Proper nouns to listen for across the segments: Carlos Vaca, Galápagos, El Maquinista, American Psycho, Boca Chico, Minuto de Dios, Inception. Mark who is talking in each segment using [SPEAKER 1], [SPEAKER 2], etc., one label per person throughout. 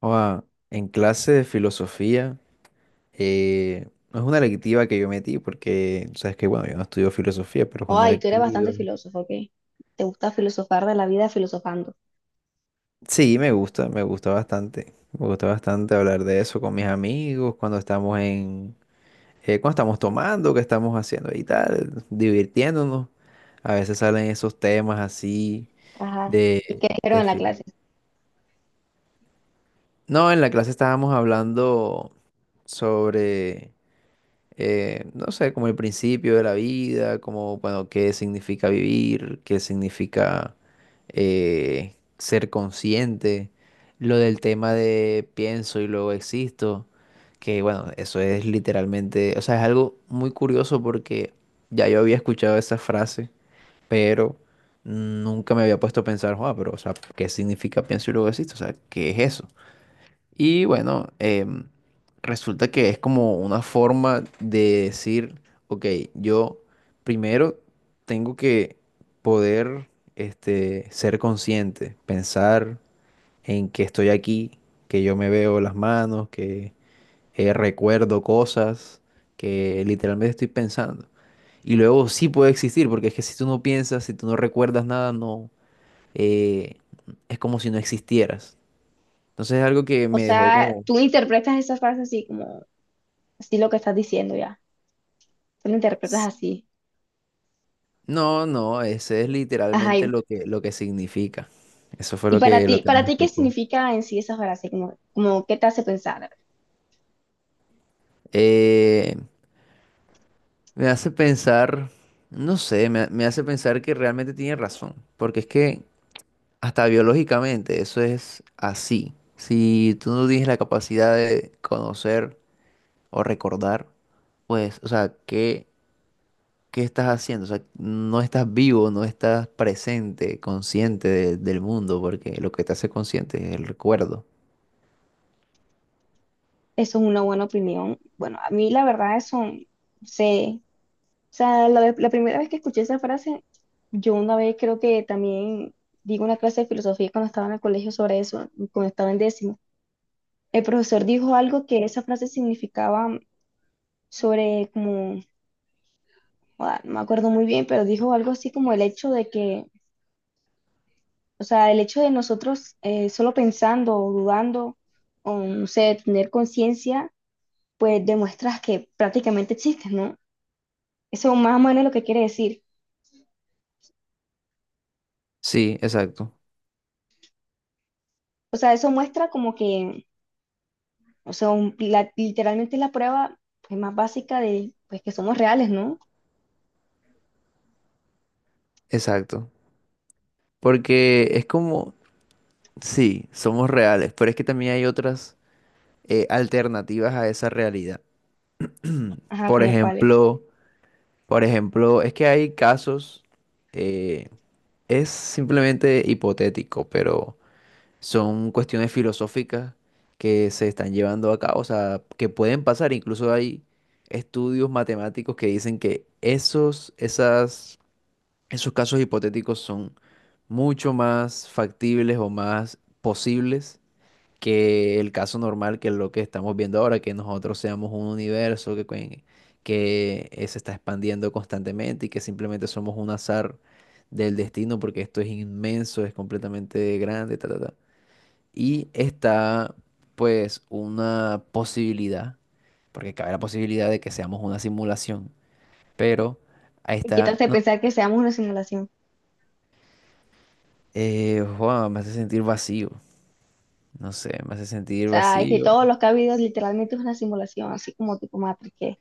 [SPEAKER 1] Oa, en clase de filosofía, eh, no es una electiva que yo metí porque, sabes que, bueno, yo no estudio filosofía, pero es una
[SPEAKER 2] Ay, tú eres bastante
[SPEAKER 1] electiva.
[SPEAKER 2] filósofo, ¿ok? Te gusta filosofar de la vida filosofando.
[SPEAKER 1] Sí, me gusta bastante. Me gusta bastante hablar de eso con mis amigos cuando estamos en, cuando estamos tomando, que estamos haciendo y tal, divirtiéndonos. A veces salen esos temas así
[SPEAKER 2] Ajá. ¿Y
[SPEAKER 1] de,
[SPEAKER 2] qué dijeron
[SPEAKER 1] de
[SPEAKER 2] en la
[SPEAKER 1] filo.
[SPEAKER 2] clase?
[SPEAKER 1] No, en la clase estábamos hablando sobre no sé, como el principio de la vida, como, bueno, qué significa vivir, qué significa ser consciente, lo del tema de pienso y luego existo, que bueno, eso es literalmente, o sea, es algo muy curioso porque ya yo había escuchado esa frase, pero nunca me había puesto a pensar, "Joa, pero, o sea, ¿qué significa pienso y luego existo? O sea, ¿qué es eso?" Y bueno, resulta que es como una forma de decir, ok, yo primero tengo que poder ser consciente, pensar en que estoy aquí, que yo me veo las manos, que recuerdo cosas, que literalmente estoy pensando. Y luego sí puede existir, porque es que si tú no piensas, si tú no recuerdas nada, no, eh, es como si no existieras. Entonces es algo que
[SPEAKER 2] O
[SPEAKER 1] me dejó
[SPEAKER 2] sea,
[SPEAKER 1] como...
[SPEAKER 2] tú interpretas esa frase así como, así lo que estás diciendo ya. Tú lo interpretas así.
[SPEAKER 1] No, no, ese es
[SPEAKER 2] Ajá.
[SPEAKER 1] literalmente
[SPEAKER 2] Y,
[SPEAKER 1] lo que significa. Eso fue
[SPEAKER 2] y para
[SPEAKER 1] lo
[SPEAKER 2] ti,
[SPEAKER 1] que
[SPEAKER 2] para
[SPEAKER 1] nos
[SPEAKER 2] ti, ¿qué
[SPEAKER 1] explicó.
[SPEAKER 2] significa en sí esa frase? Como, ¿qué te hace pensar?
[SPEAKER 1] Eh, me hace pensar, no sé, me hace pensar que realmente tiene razón, porque es que hasta biológicamente eso es así. Si tú no tienes la capacidad de conocer o recordar, pues, o sea, ¿qué estás haciendo? O sea, no estás vivo, no estás presente, consciente del mundo, porque lo que te hace consciente es el recuerdo.
[SPEAKER 2] Eso es una buena opinión. Bueno, a mí la verdad eso, sé. O sea, la, la primera vez que escuché esa frase, yo una vez creo que también di una clase de filosofía cuando estaba en el colegio sobre eso, cuando estaba en décimo. El profesor dijo algo que esa frase significaba sobre como, ah, no me acuerdo muy bien, pero dijo algo así como el hecho de que, o sea, el hecho de nosotros solo pensando o dudando o no sé, tener conciencia, pues demuestras que prácticamente existes, ¿no? Eso más o menos es lo que quiere decir.
[SPEAKER 1] Sí, exacto,
[SPEAKER 2] O sea, eso muestra como que, o sea, literalmente es la prueba pues, más básica de pues, que somos reales, ¿no?
[SPEAKER 1] exacto. Porque es como, sí, somos reales, pero es que también hay otras alternativas a esa realidad.
[SPEAKER 2] Ajá,
[SPEAKER 1] Por
[SPEAKER 2] como cuáles.
[SPEAKER 1] ejemplo, por ejemplo, es que hay casos, eh, es simplemente hipotético, pero son cuestiones filosóficas que se están llevando a cabo, o sea, que pueden pasar. Incluso hay estudios matemáticos que dicen que esos casos hipotéticos son mucho más factibles o más posibles que el caso normal, que es lo que estamos viendo ahora, que nosotros seamos un universo que se está expandiendo constantemente y que simplemente somos un azar del destino, porque esto es inmenso, es completamente grande, ta, ta, ta. Y está, pues, una posibilidad, porque cabe la posibilidad de que seamos una simulación, pero ahí
[SPEAKER 2] Y
[SPEAKER 1] está.
[SPEAKER 2] quítate de pensar que seamos una simulación.
[SPEAKER 1] Wow, me hace sentir vacío. No sé, me hace sentir
[SPEAKER 2] Sea, es que
[SPEAKER 1] vacío.
[SPEAKER 2] todos los que ha habido literalmente es una simulación, así como tipo Matrix.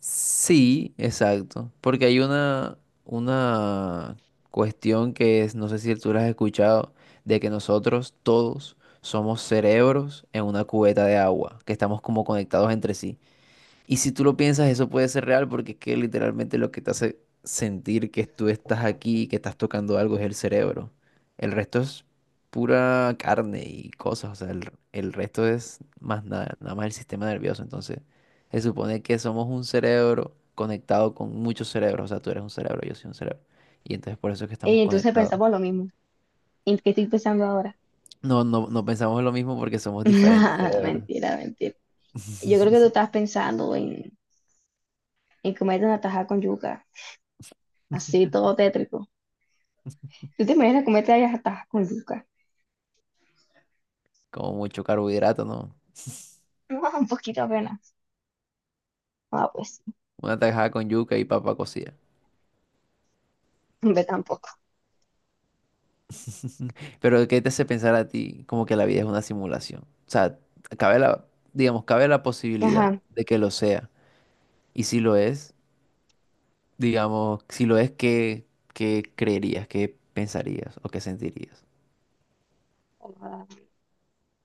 [SPEAKER 1] Sí, exacto. Porque hay una cuestión que es, no sé si tú la has escuchado, de que nosotros todos somos cerebros en una cubeta de agua, que estamos como conectados entre sí. Y si tú lo piensas, eso puede ser real porque es que literalmente lo que te hace sentir que tú estás aquí y que estás tocando algo es el cerebro. El resto es pura carne y cosas, o sea, el resto es más nada, nada más el sistema nervioso. Entonces, se supone que somos un cerebro conectado con muchos cerebros, o sea, tú eres un cerebro, yo soy un cerebro. Y entonces por eso es que
[SPEAKER 2] Y
[SPEAKER 1] estamos
[SPEAKER 2] entonces
[SPEAKER 1] conectados.
[SPEAKER 2] pensamos lo mismo. ¿En qué estoy pensando ahora?
[SPEAKER 1] No, no, no pensamos lo mismo porque somos diferentes cerebros.
[SPEAKER 2] Mentira, mentira. Yo creo que tú estás pensando en comerte una tajada con yuca, así todo tétrico. ¿Tú te imaginas comerte una taja con yuca?
[SPEAKER 1] Como mucho carbohidrato, ¿no?
[SPEAKER 2] No, un poquito apenas. Ah, pues,
[SPEAKER 1] Una tajada con yuca y papa cocida.
[SPEAKER 2] ve tampoco.
[SPEAKER 1] Pero ¿qué te hace pensar a ti como que la vida es una simulación? O sea, cabe la, digamos, cabe la posibilidad
[SPEAKER 2] Ajá.
[SPEAKER 1] de que lo sea. Y si lo es, digamos, si lo es, ¿qué creerías? ¿Qué pensarías o qué sentirías?
[SPEAKER 2] Ah,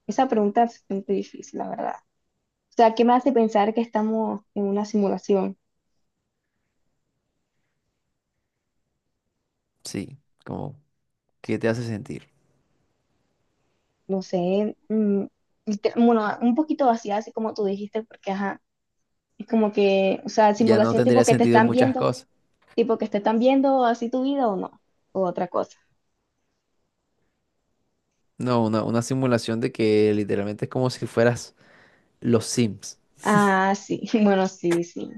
[SPEAKER 2] esa pregunta es bastante difícil, la verdad. O sea, ¿qué me hace pensar que estamos en una simulación?
[SPEAKER 1] Sí, como, ¿qué te hace sentir?
[SPEAKER 2] No sé, bueno, un poquito vacía, así como tú dijiste, porque ajá, es como que, o sea,
[SPEAKER 1] Ya no
[SPEAKER 2] simulación tipo
[SPEAKER 1] tendría
[SPEAKER 2] que te
[SPEAKER 1] sentido
[SPEAKER 2] están
[SPEAKER 1] muchas
[SPEAKER 2] viendo,
[SPEAKER 1] cosas.
[SPEAKER 2] tipo que te están viendo así tu vida o no, o otra cosa.
[SPEAKER 1] No, una simulación de que literalmente es como si fueras los Sims.
[SPEAKER 2] Ah, sí, bueno, sí, sí.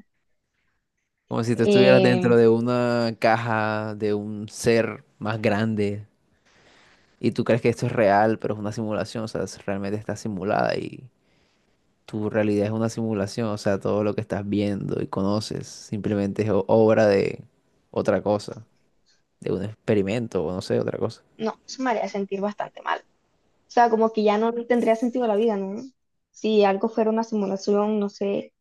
[SPEAKER 1] Como si tú estuvieras
[SPEAKER 2] Em,
[SPEAKER 1] dentro de una caja de un ser más grande. Y tú crees que esto es real, pero es una simulación, o sea, realmente está simulada y tu realidad es una simulación, o sea, todo lo que estás viendo y conoces simplemente es obra de otra cosa, de un experimento o no sé, otra cosa.
[SPEAKER 2] no, eso me haría sentir bastante mal. O sea, como que ya no tendría sentido la vida, ¿no? Si algo fuera una simulación, no sé.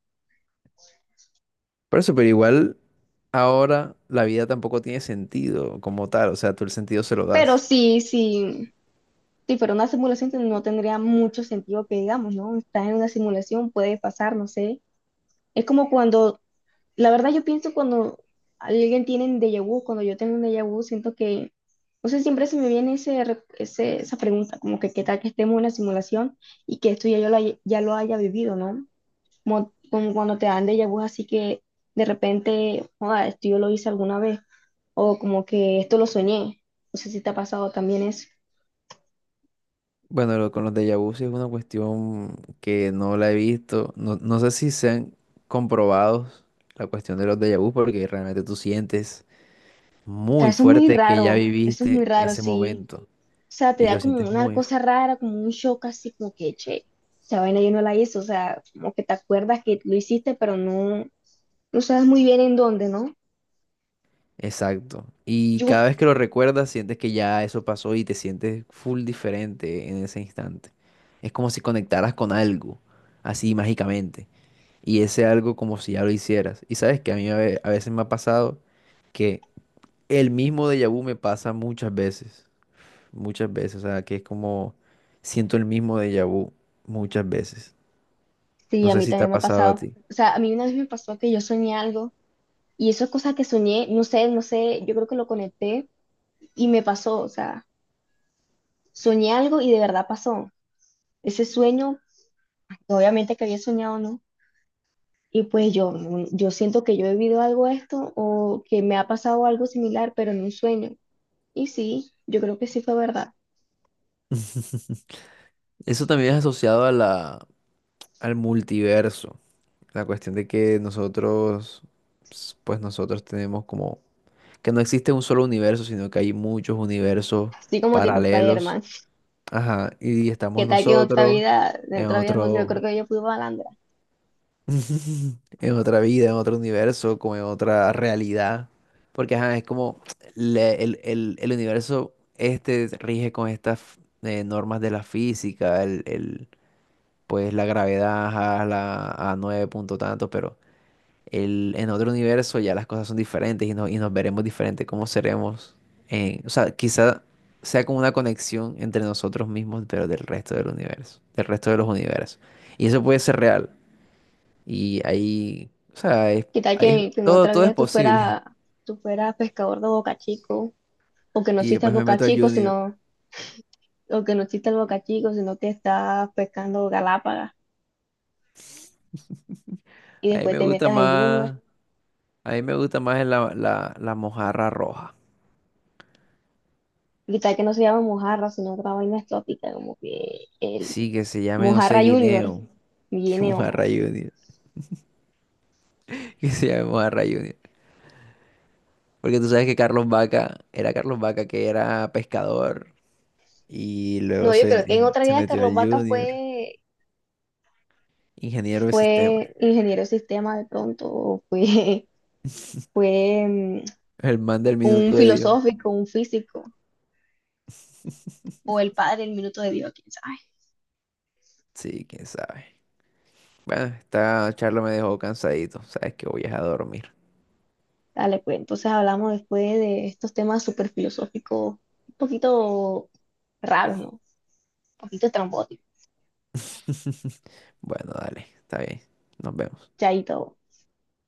[SPEAKER 1] Por eso, pero igual ahora la vida tampoco tiene sentido como tal, o sea, tú el sentido se lo
[SPEAKER 2] Pero
[SPEAKER 1] das.
[SPEAKER 2] sí, sí, si fuera una simulación no tendría mucho sentido que digamos, ¿no? Estás en una simulación, puede pasar, no sé. Es como cuando La verdad, yo pienso cuando alguien tiene un déjà vu, cuando yo tengo un déjà vu, siento que, no sé, siempre se me viene esa pregunta, como que qué tal que estemos en una simulación y que esto ya yo ya lo haya vivido, ¿no? Como cuando te dan déjà vu, así que de repente, joda, esto yo lo hice alguna vez, o como que esto lo soñé. No sé si te ha pasado también eso.
[SPEAKER 1] Bueno, con los déjà vu sí es una cuestión que no la he visto, no, no sé si se han comprobado la cuestión de los déjà vu porque realmente tú sientes
[SPEAKER 2] O sea,
[SPEAKER 1] muy
[SPEAKER 2] eso es muy
[SPEAKER 1] fuerte que ya
[SPEAKER 2] raro, eso es muy
[SPEAKER 1] viviste
[SPEAKER 2] raro,
[SPEAKER 1] ese
[SPEAKER 2] sí.
[SPEAKER 1] momento
[SPEAKER 2] Sea, te
[SPEAKER 1] y
[SPEAKER 2] da
[SPEAKER 1] lo
[SPEAKER 2] como
[SPEAKER 1] sientes
[SPEAKER 2] una cosa rara, como un shock así, como que, che, esa vaina yo no la hice, o sea, como que te acuerdas que lo hiciste, pero no, no sabes muy bien en dónde, ¿no?
[SPEAKER 1] exacto. Y
[SPEAKER 2] Yo,
[SPEAKER 1] cada vez que lo recuerdas, sientes que ya eso pasó y te sientes full diferente en ese instante. Es como si conectaras con algo, así mágicamente. Y ese algo como si ya lo hicieras. Y sabes que a mí a veces me ha pasado que el mismo déjà vu me pasa muchas veces. Muchas veces. O sea, que es como siento el mismo déjà vu muchas veces.
[SPEAKER 2] sí,
[SPEAKER 1] No
[SPEAKER 2] a
[SPEAKER 1] sé
[SPEAKER 2] mí
[SPEAKER 1] si te ha
[SPEAKER 2] también me ha
[SPEAKER 1] pasado a
[SPEAKER 2] pasado,
[SPEAKER 1] ti.
[SPEAKER 2] o sea, a mí una vez me pasó que yo soñé algo, y eso es cosa que soñé, no sé, no sé, yo creo que lo conecté, y me pasó, o sea, soñé algo y de verdad pasó, ese sueño, obviamente que había soñado, ¿no? Y pues yo siento que yo he vivido algo esto, o que me ha pasado algo similar, pero en un sueño. Y sí, yo creo que sí fue verdad.
[SPEAKER 1] Eso también es asociado a la, al multiverso. La cuestión de que nosotros, pues nosotros tenemos como que no existe un solo universo, sino que hay muchos universos
[SPEAKER 2] Así como tipo
[SPEAKER 1] paralelos.
[SPEAKER 2] Spider-Man.
[SPEAKER 1] Ajá, y
[SPEAKER 2] ¿Qué
[SPEAKER 1] estamos
[SPEAKER 2] tal que
[SPEAKER 1] nosotros
[SPEAKER 2] en
[SPEAKER 1] en
[SPEAKER 2] otra vida no, yo creo
[SPEAKER 1] otro,
[SPEAKER 2] que yo fui malandra.
[SPEAKER 1] en otra vida, en otro universo, como en otra realidad. Porque ajá, es como el universo este rige con estas normas de la física, pues la gravedad a la a nueve punto tanto, pero el, en otro universo ya las cosas son diferentes y, y nos veremos diferentes, cómo seremos. O sea, quizá sea como una conexión entre nosotros mismos, pero del resto del universo, del resto de los universos. Y eso puede ser real. Y ahí, o sea,
[SPEAKER 2] ¿Qué tal que en
[SPEAKER 1] todo,
[SPEAKER 2] otra
[SPEAKER 1] todo es
[SPEAKER 2] vida
[SPEAKER 1] posible.
[SPEAKER 2] tú fueras pescador de Boca Chico? O que no
[SPEAKER 1] Y
[SPEAKER 2] existe el
[SPEAKER 1] después me
[SPEAKER 2] Boca
[SPEAKER 1] meto al
[SPEAKER 2] Chico,
[SPEAKER 1] Junior.
[SPEAKER 2] sino, o que no existe el Boca Chico, sino que estás pescando Galápagos y
[SPEAKER 1] A mí
[SPEAKER 2] después
[SPEAKER 1] me
[SPEAKER 2] te
[SPEAKER 1] gusta
[SPEAKER 2] metes al Junior.
[SPEAKER 1] más, a mí me gusta más la, la, la mojarra roja.
[SPEAKER 2] ¿Qué tal que no se llama mojarra, sino otra vaina exótica, como que el
[SPEAKER 1] Sí, que se llame, no sé,
[SPEAKER 2] mojarra Junior
[SPEAKER 1] guineo. Qué
[SPEAKER 2] viene ojo.
[SPEAKER 1] mojarra Junior. Que se llame Mojarra Junior. Porque tú sabes que Carlos Vaca era Carlos Vaca que era pescador y luego
[SPEAKER 2] No, yo creo que en otra
[SPEAKER 1] se
[SPEAKER 2] vida
[SPEAKER 1] metió al
[SPEAKER 2] Carlos Vaca
[SPEAKER 1] Junior,
[SPEAKER 2] fue
[SPEAKER 1] ingeniero de sistemas,
[SPEAKER 2] ingeniero de sistema de pronto, o fue, fue
[SPEAKER 1] el man del
[SPEAKER 2] un
[SPEAKER 1] minuto de Dios.
[SPEAKER 2] filosófico, un físico, o el padre del minuto de Dios, quién sabe.
[SPEAKER 1] Sí, quién sabe. Bueno, esta charla me dejó cansadito, sabes que voy a dormir.
[SPEAKER 2] Dale, pues entonces hablamos después de estos temas súper filosóficos, un poquito raros, ¿no? Un poquito estrambóticos.
[SPEAKER 1] Bueno, dale, está bien, nos vemos.
[SPEAKER 2] Chaito.